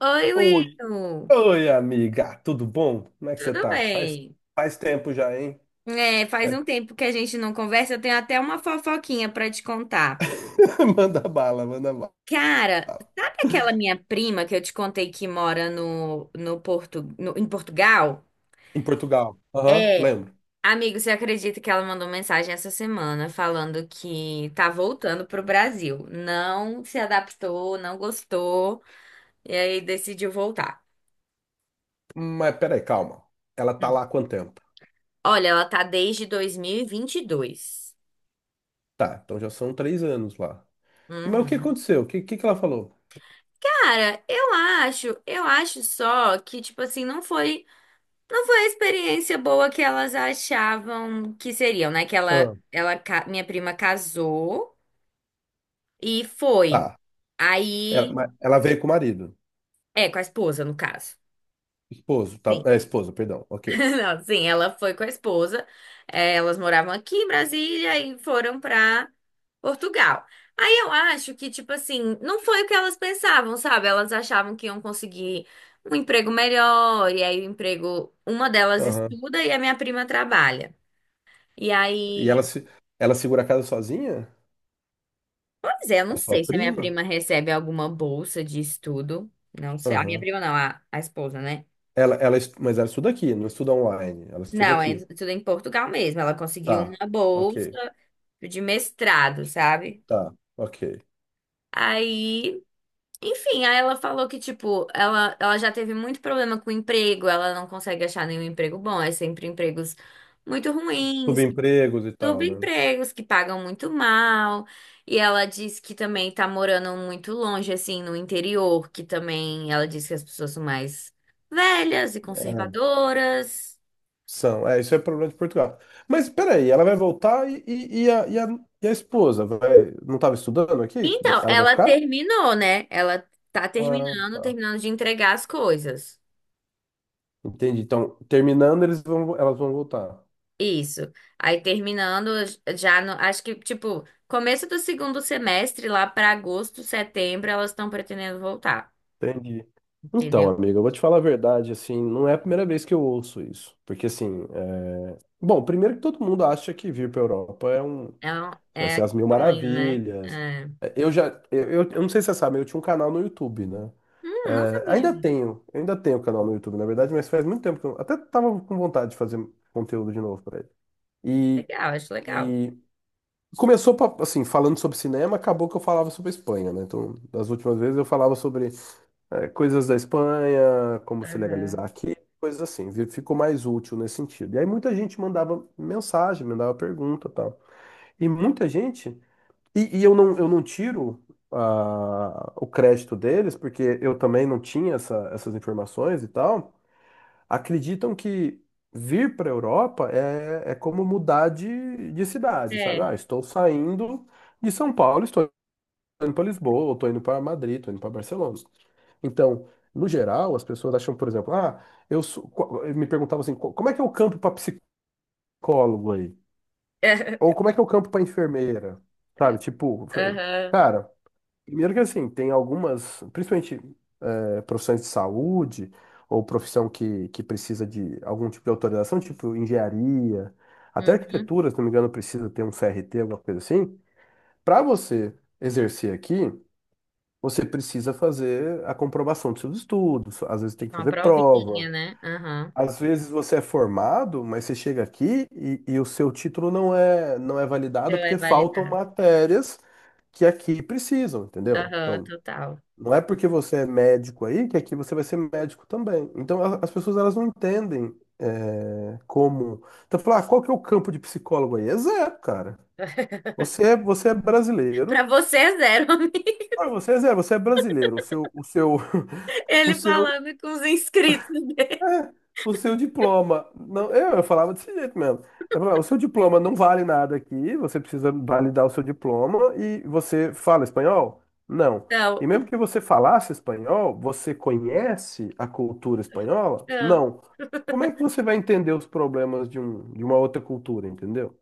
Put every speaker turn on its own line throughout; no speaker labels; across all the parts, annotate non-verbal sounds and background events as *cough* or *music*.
Oi,
Oi,
Will.
oi, amiga, tudo bom? Como é que você
Tudo
tá? Faz,
bem?
faz tempo já, hein?
É, faz
Faz-
um tempo que a gente não conversa, eu tenho até uma fofoquinha pra te contar.
*laughs* Manda bala, manda bala.
Cara, sabe aquela minha prima que eu te contei que mora no Porto, em Portugal?
Em Portugal. Aham,
É.
lembro.
Amigo, você acredita que ela mandou mensagem essa semana falando que tá voltando pro Brasil? Não se adaptou, não gostou, e aí decidiu voltar.
Mas peraí, calma. Ela tá
Hum.
lá há quanto tempo?
Olha, ela tá desde 2022.
Tá, então já são 3 anos lá. E, mas o que
Uhum.
aconteceu? O que ela falou?
Cara, eu acho só que, tipo assim, não foi a experiência boa que elas achavam que seriam, né? Que
Ah,
minha prima casou e foi.
tá. Ela,
Aí,
mas ela veio com o marido.
é, com a esposa, no caso.
Esposo, tá? É, esposa, perdão. Ok.
Não, sim, ela foi com a esposa. Elas moravam aqui em Brasília e foram pra Portugal. Aí eu acho que, tipo assim, não foi o que elas pensavam, sabe? Elas achavam que iam conseguir um emprego melhor, e aí o emprego, uma delas
Aham.
estuda e a minha prima trabalha. E
E ela,
aí,
se, ela segura a casa sozinha?
pois é, eu não
A sua
sei se a minha
prima?
prima recebe alguma bolsa de estudo. Não sei, a minha
Aham.
prima não, a esposa, né?
Mas ela estuda aqui, não estuda online. Ela estuda
Não, é
aqui.
tudo em Portugal mesmo. Ela conseguiu
Tá,
uma
ok,
bolsa de mestrado, sabe?
tá, ok.
Aí, enfim, aí ela falou que, tipo, ela já teve muito problema com o emprego, ela não consegue achar nenhum emprego bom, é sempre empregos muito ruins,
Subempregos e tal, né?
subempregos que pagam muito mal. E ela diz que também tá morando muito longe, assim, no interior, que também ela diz que as pessoas são mais velhas e
É,
conservadoras.
são, é, isso é problema de Portugal. Mas peraí, ela vai voltar e a esposa vai, não estava estudando aqui?
Então,
Ela vai
ela
ficar?
terminou, né? Ela tá
Ah,
terminando,
tá.
terminando de entregar as coisas.
Entendi. Então, terminando, eles vão, elas vão voltar.
Isso. Aí terminando já no, acho que tipo, começo do segundo semestre, lá para agosto, setembro, elas estão pretendendo voltar,
Entendi. Então,
entendeu?
amiga, eu vou te falar a verdade, assim, não é a primeira vez que eu ouço isso. Porque, assim, bom, primeiro que todo mundo acha que vir para Europa é um.
É, um-
Vai ser
é
as mil
sonho, né?
maravilhas.
É.
É, Eu já, eu não sei se você sabe, eu tinha um canal no YouTube, né?
Não
É,
sabia,
ainda
amiga.
tenho, eu ainda tenho canal no YouTube, na verdade, mas faz muito tempo que eu até tava com vontade de fazer conteúdo de novo pra ele. E,
Legal, acho legal.
e começou assim, falando sobre cinema, acabou que eu falava sobre a Espanha, né? Então, das últimas vezes eu falava sobre coisas da Espanha, como se
Aham.
legalizar aqui, coisas assim. Ficou mais útil nesse sentido. E aí muita gente mandava mensagem, mandava pergunta, e tal. E muita gente eu não tiro o crédito deles, porque eu também não tinha essas informações e tal. Acreditam que vir para a Europa é como mudar de cidade, sabe?
É.
Ah, estou saindo de São Paulo, estou indo para Lisboa, estou indo para Madrid, estou indo para Barcelona. Então, no geral, as pessoas acham, por exemplo, ah, me perguntavam assim, como é que é o campo para psicólogo aí? Ou
*laughs*
como é que é o campo para enfermeira? Sabe? Tipo,
Aham.
cara. Primeiro que assim, tem algumas, principalmente profissões de saúde ou profissão que precisa de algum tipo de autorização, tipo engenharia, até
Uhum.
arquitetura, se não me engano, precisa ter um CRT, alguma coisa assim. Para você exercer aqui, você precisa fazer a comprovação dos seus estudos, às vezes tem que
Uma
fazer
provinha,
prova.
né? Aham.
Às vezes você é formado, mas você chega aqui e o seu título não é validado
Então é
porque faltam
validado.
matérias que aqui precisam, entendeu?
Aham,
Então,
total.
não é porque você é médico aí que aqui você vai ser médico também. Então as pessoas elas não entendem como. Então falar, ah, qual que é o campo de psicólogo aí? É zero, cara. Você é
Pra
brasileiro.
você é zero, *laughs* amiga.
Ah, você é zero, você é brasileiro. *laughs* O
Ele
seu,
falando com os inscritos dele.
É, o seu diploma. Não, eu falava desse jeito mesmo. Eu falava, o seu diploma não vale nada aqui, você precisa validar o seu diploma e você fala espanhol? Não.
Não,
E mesmo que você falasse espanhol, você conhece a cultura espanhola?
não.
Não. Como é que você vai entender os problemas de uma outra cultura, entendeu?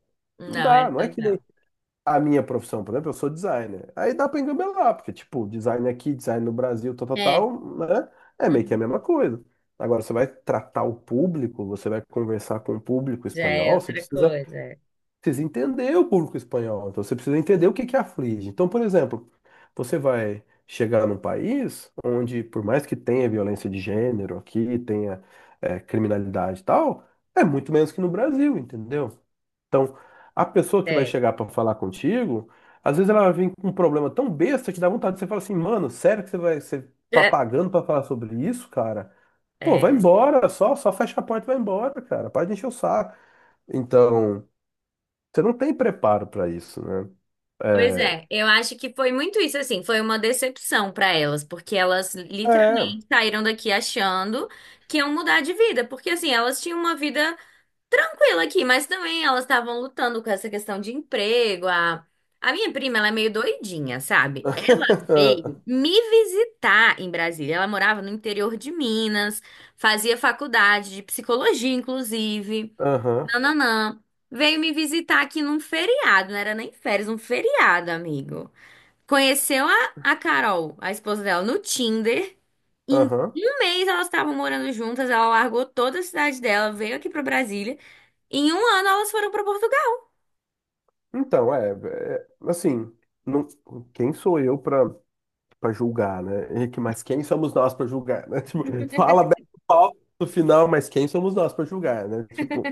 Não
Não, é
dá, não é que nem
total.
a minha profissão, por exemplo, eu sou designer. Aí dá pra engabelar, porque, tipo, design aqui, design no Brasil, tal, tal,
É,
tal, né? É meio que
hum,
a mesma coisa. Agora, você vai tratar o público, você vai conversar com o público
já é
espanhol, você
outra
precisa
coisa.
precisa entender o público espanhol, então você precisa entender o que que aflige. Então, por exemplo, você vai chegar num país onde, por mais que tenha violência de gênero aqui, tenha criminalidade e tal, é muito menos que no Brasil, entendeu? Então, a pessoa que vai
É.
chegar para falar contigo, às vezes ela vem com um problema tão besta que dá vontade de você falar assim, mano, sério que você vai, você tá
É.
pagando para falar sobre isso, cara? Pô, vai
É.
embora, só fecha a porta e vai embora, cara. Para de encher o saco. Então, você não tem preparo para isso, né?
Pois
É.
é, eu acho que foi muito isso assim, foi uma decepção para elas, porque elas
É.
literalmente saíram daqui achando que iam mudar de vida, porque assim, elas tinham uma vida tranquila aqui, mas também elas estavam lutando com essa questão de emprego. A minha prima, ela é meio doidinha, sabe? Ela veio
*laughs*
me visitar em Brasília. Ela morava no interior de Minas, fazia faculdade de psicologia, inclusive.
Aham,
Nananã. Veio me visitar aqui num feriado, não era nem férias, um feriado, amigo. Conheceu a Carol, a esposa dela, no Tinder. Em
aham.
um mês elas estavam morando juntas, ela largou toda a cidade dela, veio aqui pra Brasília. Em um ano elas foram pra Portugal.
Então, é, é, assim, não, quem sou eu para julgar, né? Henrique, mas quem somos nós para julgar, né? *laughs* Tipo, fala bem do palco no final, mas quem somos nós para julgar, né? Tipo,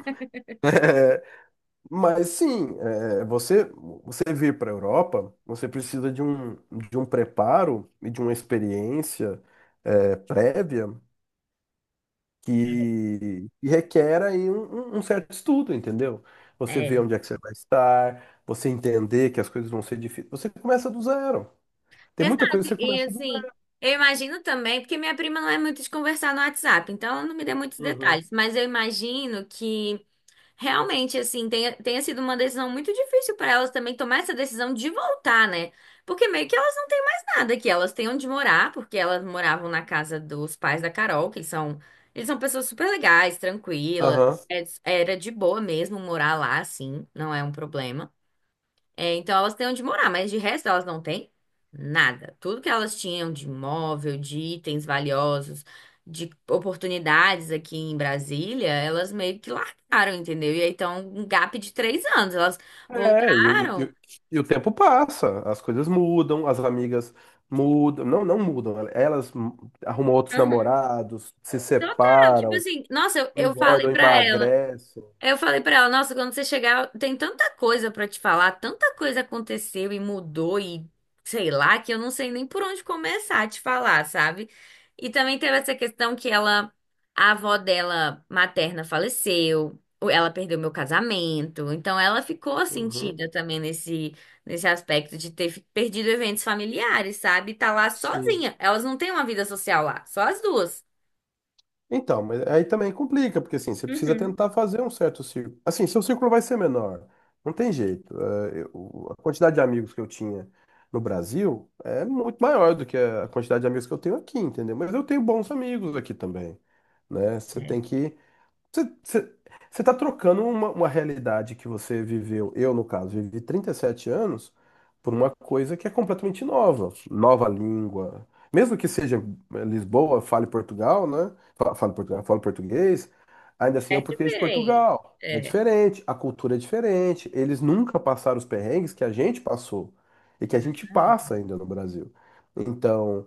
mas sim, você vir para Europa, você precisa de um preparo e de uma experiência prévia que requer aí um certo estudo, entendeu? Você vê
É.
onde é que você vai estar, você entender que as coisas vão ser difíceis. Você começa do zero. Tem muita
Exato.
coisa que você
E
começa do
assim,
zero.
eu imagino também, porque minha prima não é muito de conversar no WhatsApp, então ela não me deu muitos
Uhum.
detalhes, mas eu imagino que realmente, assim, tenha sido uma decisão muito difícil para elas também tomar essa decisão de voltar, né? Porque meio que elas não têm mais nada aqui. Elas têm onde morar, porque elas moravam na casa dos pais da Carol, que eles são pessoas super legais, tranquilas.
Aham.
Era de boa mesmo morar lá, assim, não é um problema. É, então elas têm onde morar, mas de resto elas não têm nada. Tudo que elas tinham de imóvel, de itens valiosos, de oportunidades aqui em Brasília, elas meio que largaram, entendeu? E aí tá um gap de 3 anos. Elas
É,
voltaram.
e o tempo passa, as coisas mudam, as amigas mudam, não, não mudam, elas arrumam outros
Aham.
namorados, se
Total, tipo
separam,
assim, nossa, eu falei
engordam,
pra ela.
emagrecem.
Aí eu falei pra ela, nossa, quando você chegar, tem tanta coisa pra te falar, tanta coisa aconteceu e mudou e sei lá, que eu não sei nem por onde começar a te falar, sabe? E também teve essa questão que ela, a avó dela materna faleceu, ou ela perdeu meu casamento, então ela ficou
Uhum.
sentida também nesse aspecto de ter perdido eventos familiares, sabe? Tá lá
Sim.
sozinha. Elas não têm uma vida social lá, só as duas.
Então, mas aí também complica, porque assim, você precisa
Uhum.
tentar fazer um certo círculo. Assim, seu círculo vai ser menor. Não tem jeito. É, a quantidade de amigos que eu tinha no Brasil é muito maior do que a quantidade de amigos que eu tenho aqui, entendeu? Mas eu tenho bons amigos aqui também, né? Você
É,
tem que você está trocando uma realidade que você viveu, eu no caso, vivi 37 anos, por uma coisa que é completamente nova, nova língua. Mesmo que seja Lisboa, fale Portugal, né? Fale Portugal, fale português, ainda assim é o
é
português de
diferente.
Portugal. É
É,
diferente, a cultura é diferente, eles nunca passaram os perrengues que a gente passou e que a gente
exatamente.
passa ainda no Brasil. Então,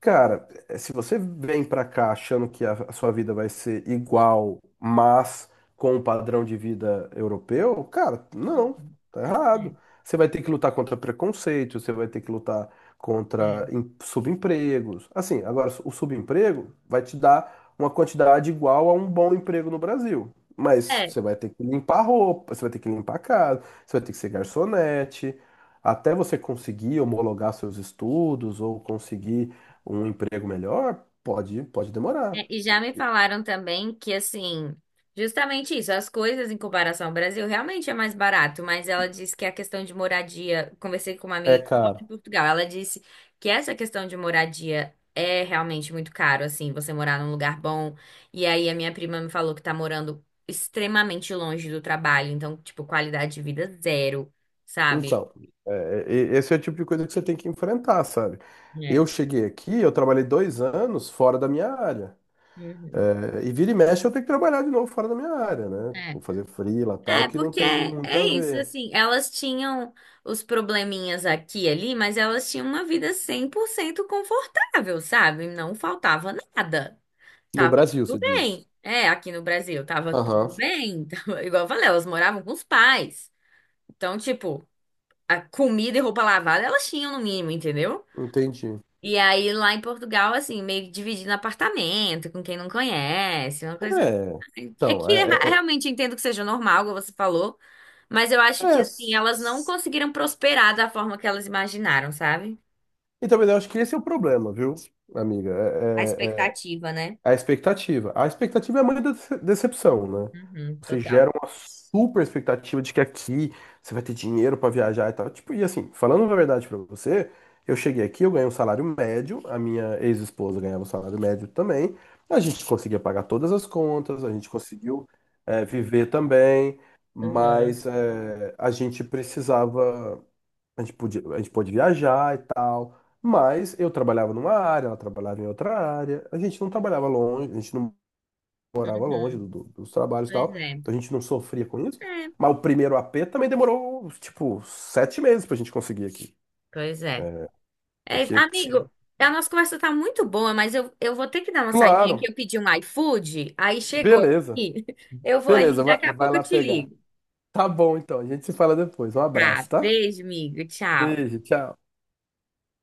cara, se você vem pra cá achando que a sua vida vai ser igual, mas com o padrão de vida europeu, cara, não,
Uhum.
tá errado.
É,
Você vai ter que lutar contra preconceito, você vai ter que lutar contra subempregos. Assim, agora o subemprego vai te dar uma quantidade igual a um bom emprego no Brasil. Mas
é,
você vai ter que limpar roupa, você vai ter que limpar a casa, você vai ter que ser garçonete, até você conseguir homologar seus estudos ou conseguir um emprego melhor, pode demorar.
é, e já me falaram também que, assim, justamente isso, as coisas em comparação ao Brasil realmente é mais barato, mas ela disse que a questão de moradia, conversei com uma
É,
amiga que mora
cara.
em Portugal, ela disse que essa questão de moradia é realmente muito caro, assim, você morar num lugar bom. E aí a minha prima me falou que tá morando extremamente longe do trabalho, então, tipo, qualidade de vida zero, sabe?
Então, esse é o tipo de coisa que você tem que enfrentar, sabe?
É.
Eu cheguei aqui, eu trabalhei 2 anos fora da minha área.
Uhum.
É, e vira e mexe eu tenho que trabalhar de novo fora da minha área, né?
É.
Vou fazer freela tal,
É,
que não
porque
tem
é,
muito
é
a
isso,
ver.
assim, elas tinham os probleminhas aqui e ali, mas elas tinham uma vida 100% confortável, sabe? Não faltava nada.
No
Tava
Brasil, você
tudo
diz.
bem. É, aqui no Brasil, tava tudo
Aham,
bem. *laughs* Tava- igual eu falei, elas moravam com os pais. Então, tipo, a comida e roupa lavada elas tinham no mínimo, entendeu?
entendi.
E aí lá em Portugal, assim, meio que dividindo apartamento com quem não conhece, uma coisa
É,
assim. É
então,
que eu realmente entendo que seja normal, como você falou, mas eu
é-
acho que,
é,
assim,
s-
elas não
s-
conseguiram prosperar da forma que elas imaginaram, sabe?
Então, mas eu acho que esse é o problema, viu, amiga?
A expectativa, né?
A expectativa. A expectativa é a mãe da decepção, né?
Uhum,
Você gera
total.
uma super expectativa de que aqui você vai ter dinheiro pra viajar e tal. Tipo, e assim, falando a verdade pra você, eu cheguei aqui, eu ganhei um salário médio, a minha ex-esposa ganhava um salário médio também. A gente conseguia pagar todas as contas, a gente conseguiu, viver também,
Uhum.
mas a gente precisava. A gente podia, a gente pode viajar e tal, mas eu trabalhava numa área, ela trabalhava em outra área, a gente não trabalhava longe, a gente não morava longe
Uhum,
dos trabalhos e
pois
tal,
é.
então a gente não sofria com isso.
É,
Mas o primeiro AP também demorou, tipo, 7 meses pra gente conseguir aqui.
pois é. É isso.
Porque
Amigo,
precisa.
a nossa conversa tá muito boa, mas eu vou ter que dar uma saidinha aqui.
Claro,
Eu pedi um iFood, aí chegou
beleza.
aqui. *laughs* Eu vou ali,
Beleza, vai,
daqui a
vai
pouco eu
lá
te
pegar.
ligo.
Tá bom, então, a gente se fala depois. Um
Tá,
abraço, tá?
beijo, amigo. Tchau.
Beijo, tchau.